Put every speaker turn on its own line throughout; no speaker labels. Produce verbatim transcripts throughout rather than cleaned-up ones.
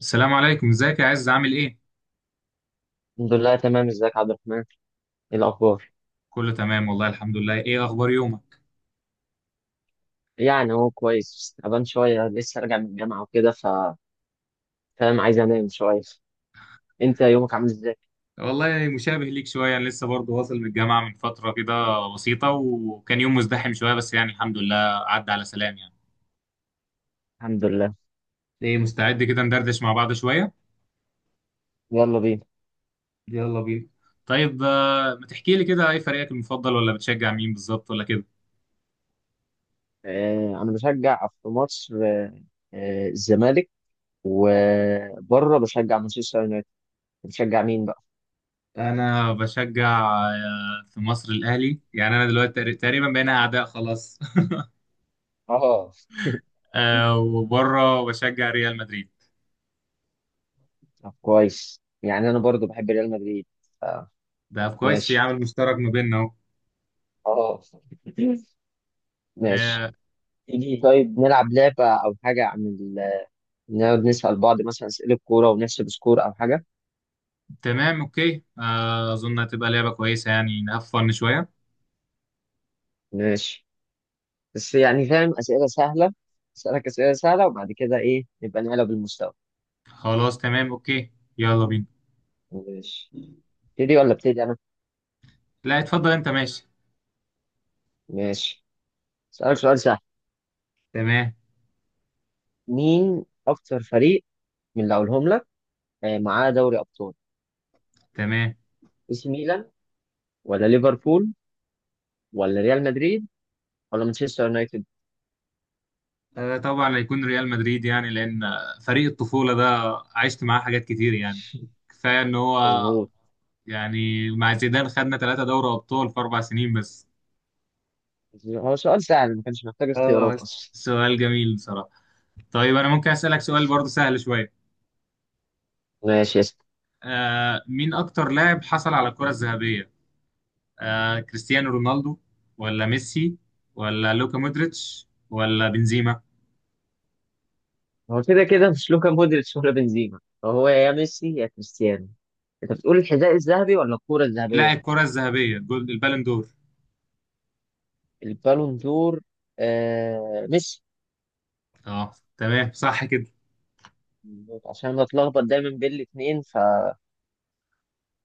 السلام عليكم، ازيك يا عز؟ عامل ايه؟
الحمد لله، تمام. ازيك يا عبد الرحمن؟ ايه الاخبار؟
كله تمام والله الحمد لله. ايه اخبار يومك؟
يعني هو كويس، تعبان شويه، لسه راجع من الجامعه وكده. ف فاهم، عايز انام شويه. انت يومك عامل ازاي؟
والله مشابه ليك شويه، انا لسه برضه واصل من الجامعه من فتره كده بسيطه، وكان يوم مزدحم شويه بس يعني الحمد لله عدى على سلام يعني.
الحمد لله.
ايه، مستعد كده ندردش مع بعض شويه؟
يلا بينا.
يلا بينا. طيب، آه، ما تحكي لي كده، ايه فريقك المفضل ولا بتشجع مين بالظبط ولا كده؟
آه، انا بشجع في مصر، آه، آه، الزمالك. وبره بشجع مانشستر يونايتد. بتشجع مين بقى؟
انا بشجع آه، في مصر الاهلي، يعني انا دلوقتي تقري- تقريبا بقينا اعداء خلاص
اه،
آه، وبره بشجع ريال مدريد.
طب كويس. يعني انا برضو بحب ريال مدريد. آه.
ده كويس، في
ماشي.
عامل مشترك ما بيننا.
اه، ماشي.
آه،
تيجي طيب نلعب لعبه او حاجه، عن نقعد نسأل بعض مثلا أسئلة كورة ونحسب سكور أو حاجة.
تمام، اوكي. آه، اظن هتبقى لعبة كويسة، يعني نقفل شوية.
ماشي. بس يعني فاهم، أسئلة سهلة. أسألك أسئلة سهلة، وبعد كده إيه نبقى نعلى بالمستوى.
خلاص، تمام، اوكي. يلا بينا.
ماشي. ابتدي ولا ابتدي أنا؟
لا، اتفضل انت، ماشي.
ماشي. أسألك سؤال سهل.
تمام.
مين أكتر فريق من اللي هقولهم لك آه، معاه دوري أبطال؟
تمام.
إي سي ميلان، ولا ليفربول، ولا ريال مدريد، ولا مانشستر يونايتد؟
آه، طبعا هيكون ريال مدريد، يعني لان آه، فريق الطفولة ده عشت معاه حاجات كتير يعني. كفاية ان هو.
مظبوط.
يعني مع زيدان خدنا ثلاثة دوري ابطال في اربع سنين بس.
هو سؤال سهل، ما كانش محتاج
اه
اختيارات
بس.
أصلا.
سؤال جميل بصراحة. طيب انا ممكن اسألك سؤال
ماشي،
برضه سهل شوية؟
ماشي.
آه، مين اكتر لاعب حصل على الكرة الذهبية؟ آه كريستيانو رونالدو، ولا ميسي، ولا لوكا مودريتش ولا بنزيما؟
هو كده كده مش لوكا مودريتش ولا بنزيما، فهو يا ميسي يا كريستيانو. انت بتقول الحذاء الذهبي ولا الكرة
لا،
الذهبية؟
الكرة الذهبية، جول البالون دور.
البالون دور. آه، ميسي.
اه تمام، صح كده.
عشان بتلخبط دايما بين الاثنين.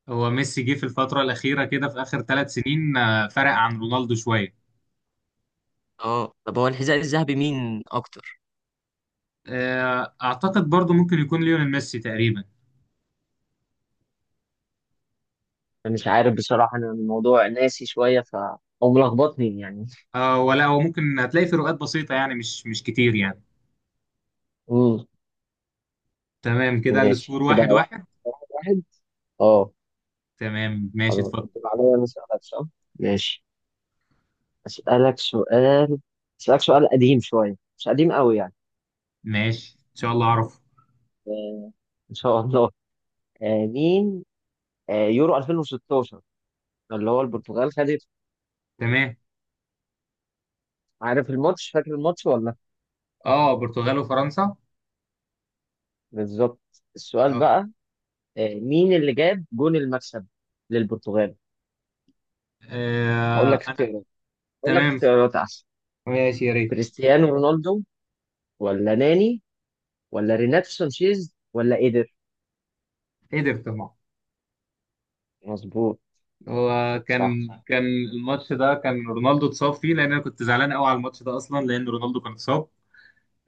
هو ميسي جه في الفترة الأخيرة كده في آخر ثلاث سنين، آه، فرق عن رونالدو شوية.
اه، طب هو الحذاء الذهبي مين اكتر؟
آه، أعتقد برضو ممكن يكون ليونيل ميسي تقريبا.
فمش عارف بصراحة، انا الموضوع ناسي شوية، ف او ملخبطني يعني.
آه، ولا هو ممكن هتلاقي فروقات بسيطة يعني مش مش كتير يعني.
امم.
تمام كده،
ماشي
السكور
كده،
واحد
واحد
واحد
واحد. اه.
تمام، ماشي،
خلاص،
اتفضل.
انت عليا، انا اسالك صح. ماشي. اسالك سؤال اسالك سؤال قديم شوية، مش قديم قوي يعني.
ماشي، إن شاء الله أعرف.
آه، ان شاء الله. آه، مين آه، يورو ألفين وستاشر اللي هو البرتغال خدت؟
تمام.
عارف الماتش فاكر الماتش ولا؟
اه، برتغال وفرنسا.
بالظبط. السؤال
اه.
بقى، آه، مين اللي جاب جون المكسب للبرتغال؟ هقول لك
آه،
اختيارات هقول لك
تمام،
اختيارات احسن.
ماشي، يا ريت.
كريستيانو رونالدو، ولا ناني، ولا ريناتو سانشيز، ولا ايدر؟
قدر طبعا.
مظبوط.
هو
صح،
كان كان الماتش ده، كان رونالدو اتصاب فيه، لان انا كنت زعلان قوي على الماتش ده اصلا لان رونالدو كان اتصاب.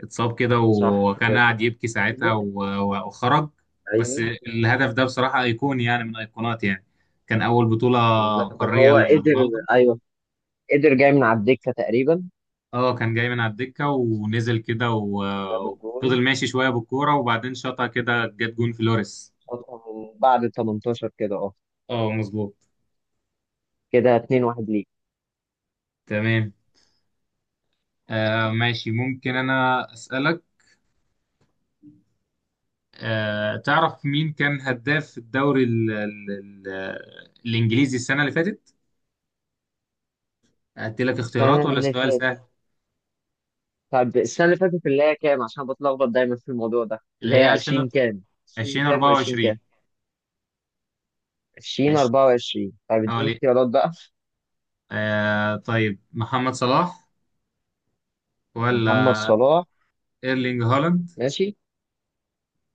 اتصاب كده،
صح، هو
وكان قاعد يبكي ساعتها
إيدر.
و- و- وخرج. بس.
ايوه.
الهدف ده بصراحة ايقوني، يعني من ايقونات يعني. كان اول بطولة
بالظبط، كان
قارية
هو قدر.
لرونالدو.
ايوه، قدر جاي من على الدكه تقريبا،
اه كان جاي من على الدكة ونزل كده
وجاب
و-
الجون
وفضل ماشي شوية بالكورة، وبعدين شاطها كده، جت جون فلوريس.
فترة من بعد تمنتاشر كده، اه.
اه مظبوط.
كده اتنين واحد ليك.
تمام. آه ماشي، ممكن انا اسالك. آه، تعرف مين كان هداف الدوري ال ال ال الإنجليزي السنة اللي فاتت؟ أدي لك
السنة
اختيارات ولا
اللي
سؤال
فاتت؟
سهل؟
طب السنة اللي فاتت اللي هي كام؟ عشان بتلخبط دايما في الموضوع ده،
اللي
اللي هي
هي
عشرين كام، عشرين كام، و20
ألفين وأربعة وعشرين.
كام؟
ماشي،
ألفين واربعة وعشرين. طب
اه
اديني
ليه؟
اختيارات بقى.
آه طيب محمد صلاح،
محمد
ولا
صلاح.
ايرلينج هالاند،
ماشي.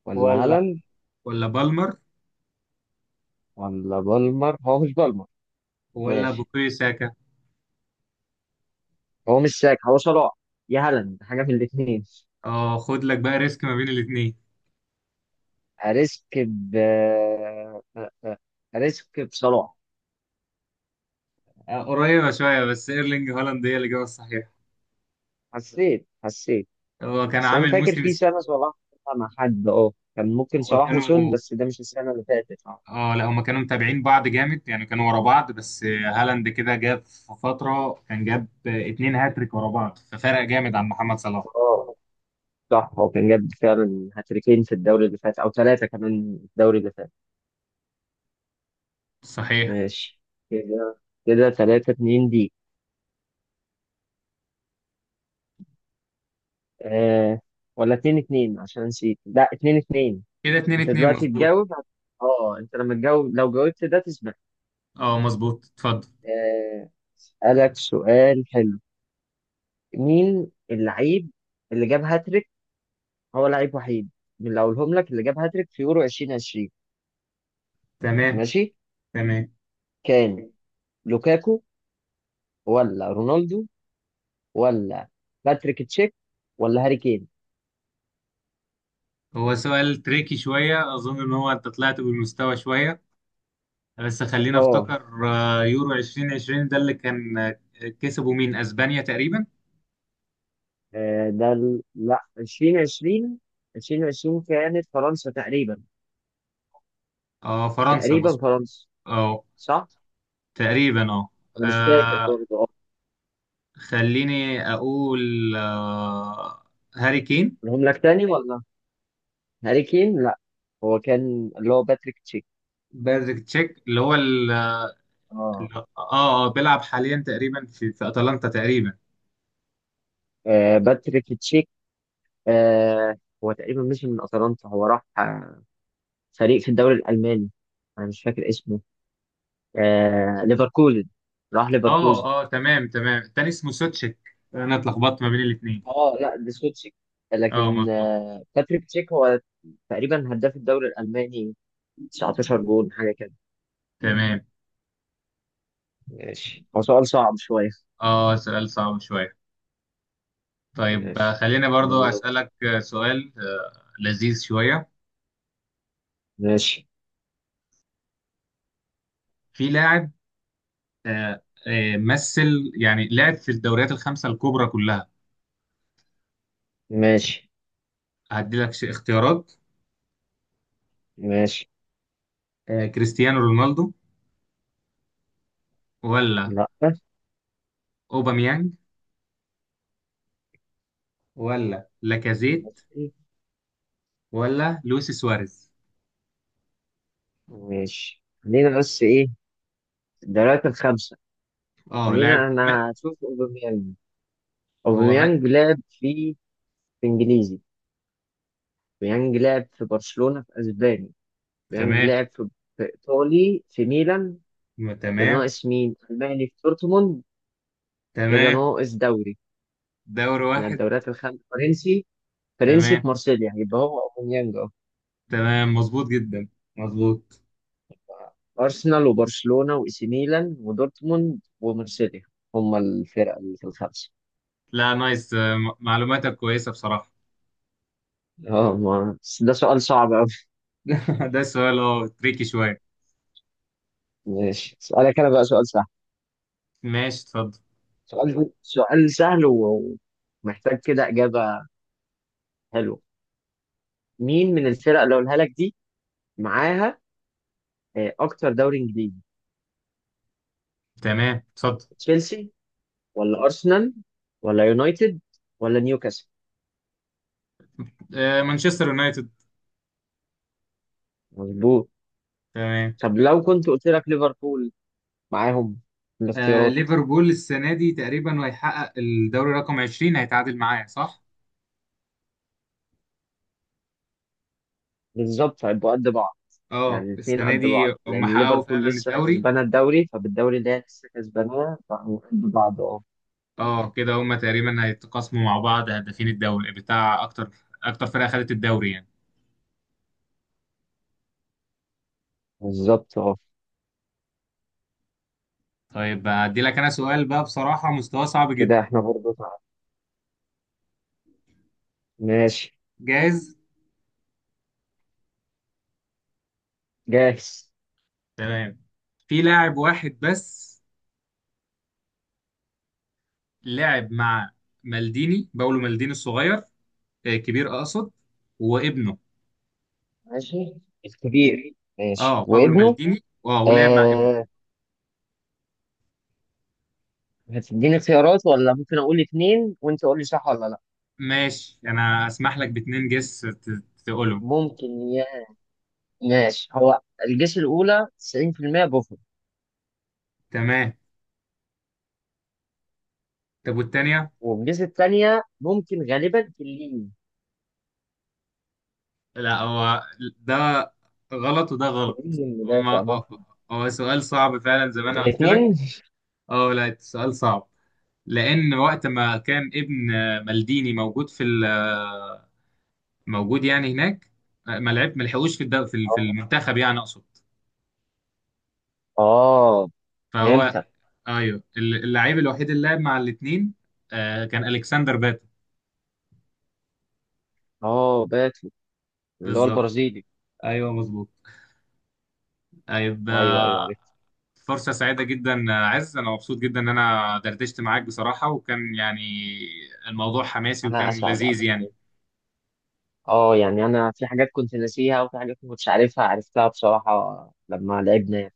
ولا
ولا
هالاند.
ولا بالمر،
ولا بالمر؟ هو مش بالمر.
ولا
ماشي.
بوكوي ساكا؟
هو مش ساك، هو صلاح يا هالاند، حاجة من الاتنين.
اه خد لك بقى ريسك ما بين الاثنين.
أريسك ب أريسك بصلاح.
آه قريبة شوية، بس ايرلينج هالاند هي الإجابة الصحيحة.
حسيت، حسيت.
هو كان
بس انا
عامل
فاكر
موسم
في
است-
سنه صلاح فيها مع حد، اه، كان ممكن
هو
صلاح وسون،
كانوا.
بس ده مش السنه اللي فاتت.
اه لا، هما كانوا متابعين بعض جامد يعني، كانوا ورا بعض، بس هالاند كده جاب في فترة، كان جاب اتنين هاتريك ورا بعض، ففرق جامد عن محمد صلاح.
اه، صح، هو كان جاب فعلا هاتريكين في الدوري اللي فات، او ثلاثه كمان في الدوري اللي فات.
صحيح.
ماشي كده. كده ثلاثة اتنين دي. آه، ولا اتنين اتنين؟ عشان نسيت. لا، اتنين اتنين.
كده اتنين
انت
اتنين
دلوقتي
مظبوط.
تجاوب. اه، انت لما تجاوب، لو جاوبت ده تسبق.
اه مظبوط، اتفضل.
آه اسألك سؤال حلو. مين اللعيب اللي جاب هاتريك، هو لعيب وحيد، من اللي اقولهم لك، اللي جاب هاتريك في يورو ألفين وعشرين؟
تمام.
ماشي.
تمام.
كان لوكاكو، ولا رونالدو، ولا باتريك تشيك، ولا هاري كين؟
هو سؤال تريكي شوية، أظن إن هو أنت طلعت بالمستوى شوية. بس خلينا
اه.
أفتكر. آه، يورو عشرين عشرين ده اللي كان آه، كسبوا مين، أسبانيا تقريبا.
آه، ده ال... لا، ألفين وعشرين. ألفين وعشرين كانت فرنسا تقريبا.
اه فرنسا،
تقريبا
مظبوط.
فرنسا.
اه
صح.
تقريبا اه.
انا مش فاكر
آه،
برضه، اه.
خليني اقول آه، هاري كين.
اقولهم لك تاني ولا؟ هاري كين لا. هو كان اللي هو باتريك تشيك.
بايرد تشيك اللي هو ال- ال-
اه.
اه اه بيلعب حاليا تقريبا في في اتلانتا تقريبا.
آه، باتريك تشيك. آه هو تقريبا مشي من اتلانتا، هو راح فريق في الدوري الألماني، أنا مش فاكر اسمه. آه، ليفركوزن. راح
اه
ليفركوزن.
اه، تمام تمام، التاني اسمه سوتشيك. انا اتلخبطت ما بين الاثنين.
اه، لا، دي سوتشيك،
اه
لكن
مظبوط.
آه باتريك تشيك هو تقريبا هداف الدوري الألماني تسعة عشر جول حاجة كده.
تمام.
ماشي. هو سؤال صعب شوية.
اه سؤال صعب شويه. طيب، آه،
ماشي.
خليني برضو
دورك.
اسالك آه، سؤال آه، لذيذ شويه.
ماشي.
في لاعب آه، آه، مثل يعني لعب في الدوريات الخمسه الكبرى كلها.
ماشي.
هدي لك ش- اختيارات.
ماشي.
آه، كريستيانو رونالدو، ولا
لا.
اوباميانج، ولا لاكازيت،
ماشي.
ولا لويس سواريز؟
ماشي. خلينا بس ايه، الدوريات الخمسة.
اه، لاعب
خلينا،
مات.
انا هشوف اوباميانج.
هو مات.
اوباميانج لعب في في انجليزي. بيانج لعب في برشلونة في اسباني. بيانج
تمام.
لعب في في ايطالي في ميلان. كده
تمام.
ناقص مين، الماني في دورتموند. كده
تمام.
ناقص دوري
دوري
من
واحد.
الدوريات الخمسة، فرنسي. فرنسي
تمام.
في مارسيليا، يبقى هو اوباميانج. اه.
تمام، مظبوط جدا. مظبوط.
ارسنال، وبرشلونة، واي سي ميلان، ودورتموند، ومارسيليا، هم الفرق اللي في الخمسة.
لا، نايس. آه، م- معلوماتك كويسة بصراحة.
اه، ما بس ده سؤال صعب أوي.
ده سؤال اه تريكي شوية.
ماشي. سؤالك أنا بقى سؤال سهل.
ماشي، اتفضل.
سؤال سؤال سهل و- ومحتاج كده إجابة حلوة. مين من الفرق اللي أقولها لك دي معاها آه، اكتر دوري انجليزي؟
تمام، اتفضل.
تشيلسي، ولا ارسنال، ولا يونايتد، ولا نيوكاسل؟
آه مانشستر يونايتد.
مظبوط.
تمام.
طب لو كنت قلت لك ليفربول معاهم في
آه
الاختيارات؟
ليفربول السنة دي تقريبا هيحقق الدوري رقم عشرين، هيتعادل معايا صح؟
بالظبط، هيبقوا قد بعض.
اه
يعني الاثنين
السنة
قد
دي
بعض،
هم
لان
حققوا
ليفربول
فعلا
لسه
الدوري.
كسبانه الدوري، فبالدوري اللي هي لسه كسباناه، فهو قد بعض. اه،
اه كده هما تقريبا هيتقاسموا مع بعض هدافين الدوري بتاع اكتر، اكتر فرقه خدت الدوري يعني.
بالظبط. اه،
طيب هدي لك انا سؤال بقى، بصراحه مستواه صعب
كده
جدا.
احنا برضه تعادل. ماشي.
جاهز.
جاهز.
تمام. في لاعب واحد بس لعب مع مالديني، باولو مالديني الصغير، آه، كبير اقصد، وابنه.
ماشي، الكبير. ماشي،
اه باولو
وابنه.
مالديني، اه ولعب مع ابنه.
آه هتديني خيارات ولا ممكن اقول اثنين وانت قول لي صح ولا لا؟
ماشي، انا اسمح لك باتنين جس ت- تقولهم.
ممكن ي... ماشي. هو الجيش الأولى تسعين في المية بوفر.
تمام. طب والتانية؟
والجيش الثانية ممكن غالبا تلين.
لا، هو ده غلط وده غلط
تلين مدافع
هما.
ممكن.
هو سؤال صعب فعلا زي ما انا قلت لك.
الاثنين.
اه لا، السؤال صعب. لان وقت ما كان ابن مالديني موجود في ال- موجود يعني هناك. ما لعب، ما لحقوش في الد- في ال- في
اه.
المنتخب يعني اقصد.
آه،
فهو.
فهمتك.
ايوه، ال- اللعيب الوحيد اللي لعب مع الاثنين كان الكسندر باتو.
اه، باتو، اللي هو
بالظبط كده.
البرازيلي.
ايوه مظبوط. طيب،
ايوه، ايوه،
آه،
عرفت.
فرصة سعيدة جدا عز، أنا مبسوط جدا إن أنا دردشت معاك بصراحة، وكان يعني الموضوع حماسي
انا
وكان
اسعد
لذيذ
ابدا.
يعني.
اه، يعني انا في حاجات كنت ناسيها، وفي حاجات ما كنتش عارفها، عرفتها بصراحة لما لعبنا.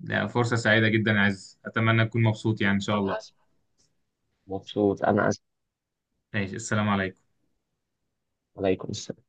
لا، فرصة سعيدة جدا يا عز، أتمنى تكون مبسوط يعني إن شاء
انا
الله.
اسف، مبسوط، انا اسف.
ماشي، السلام عليكم.
عليكم السلام.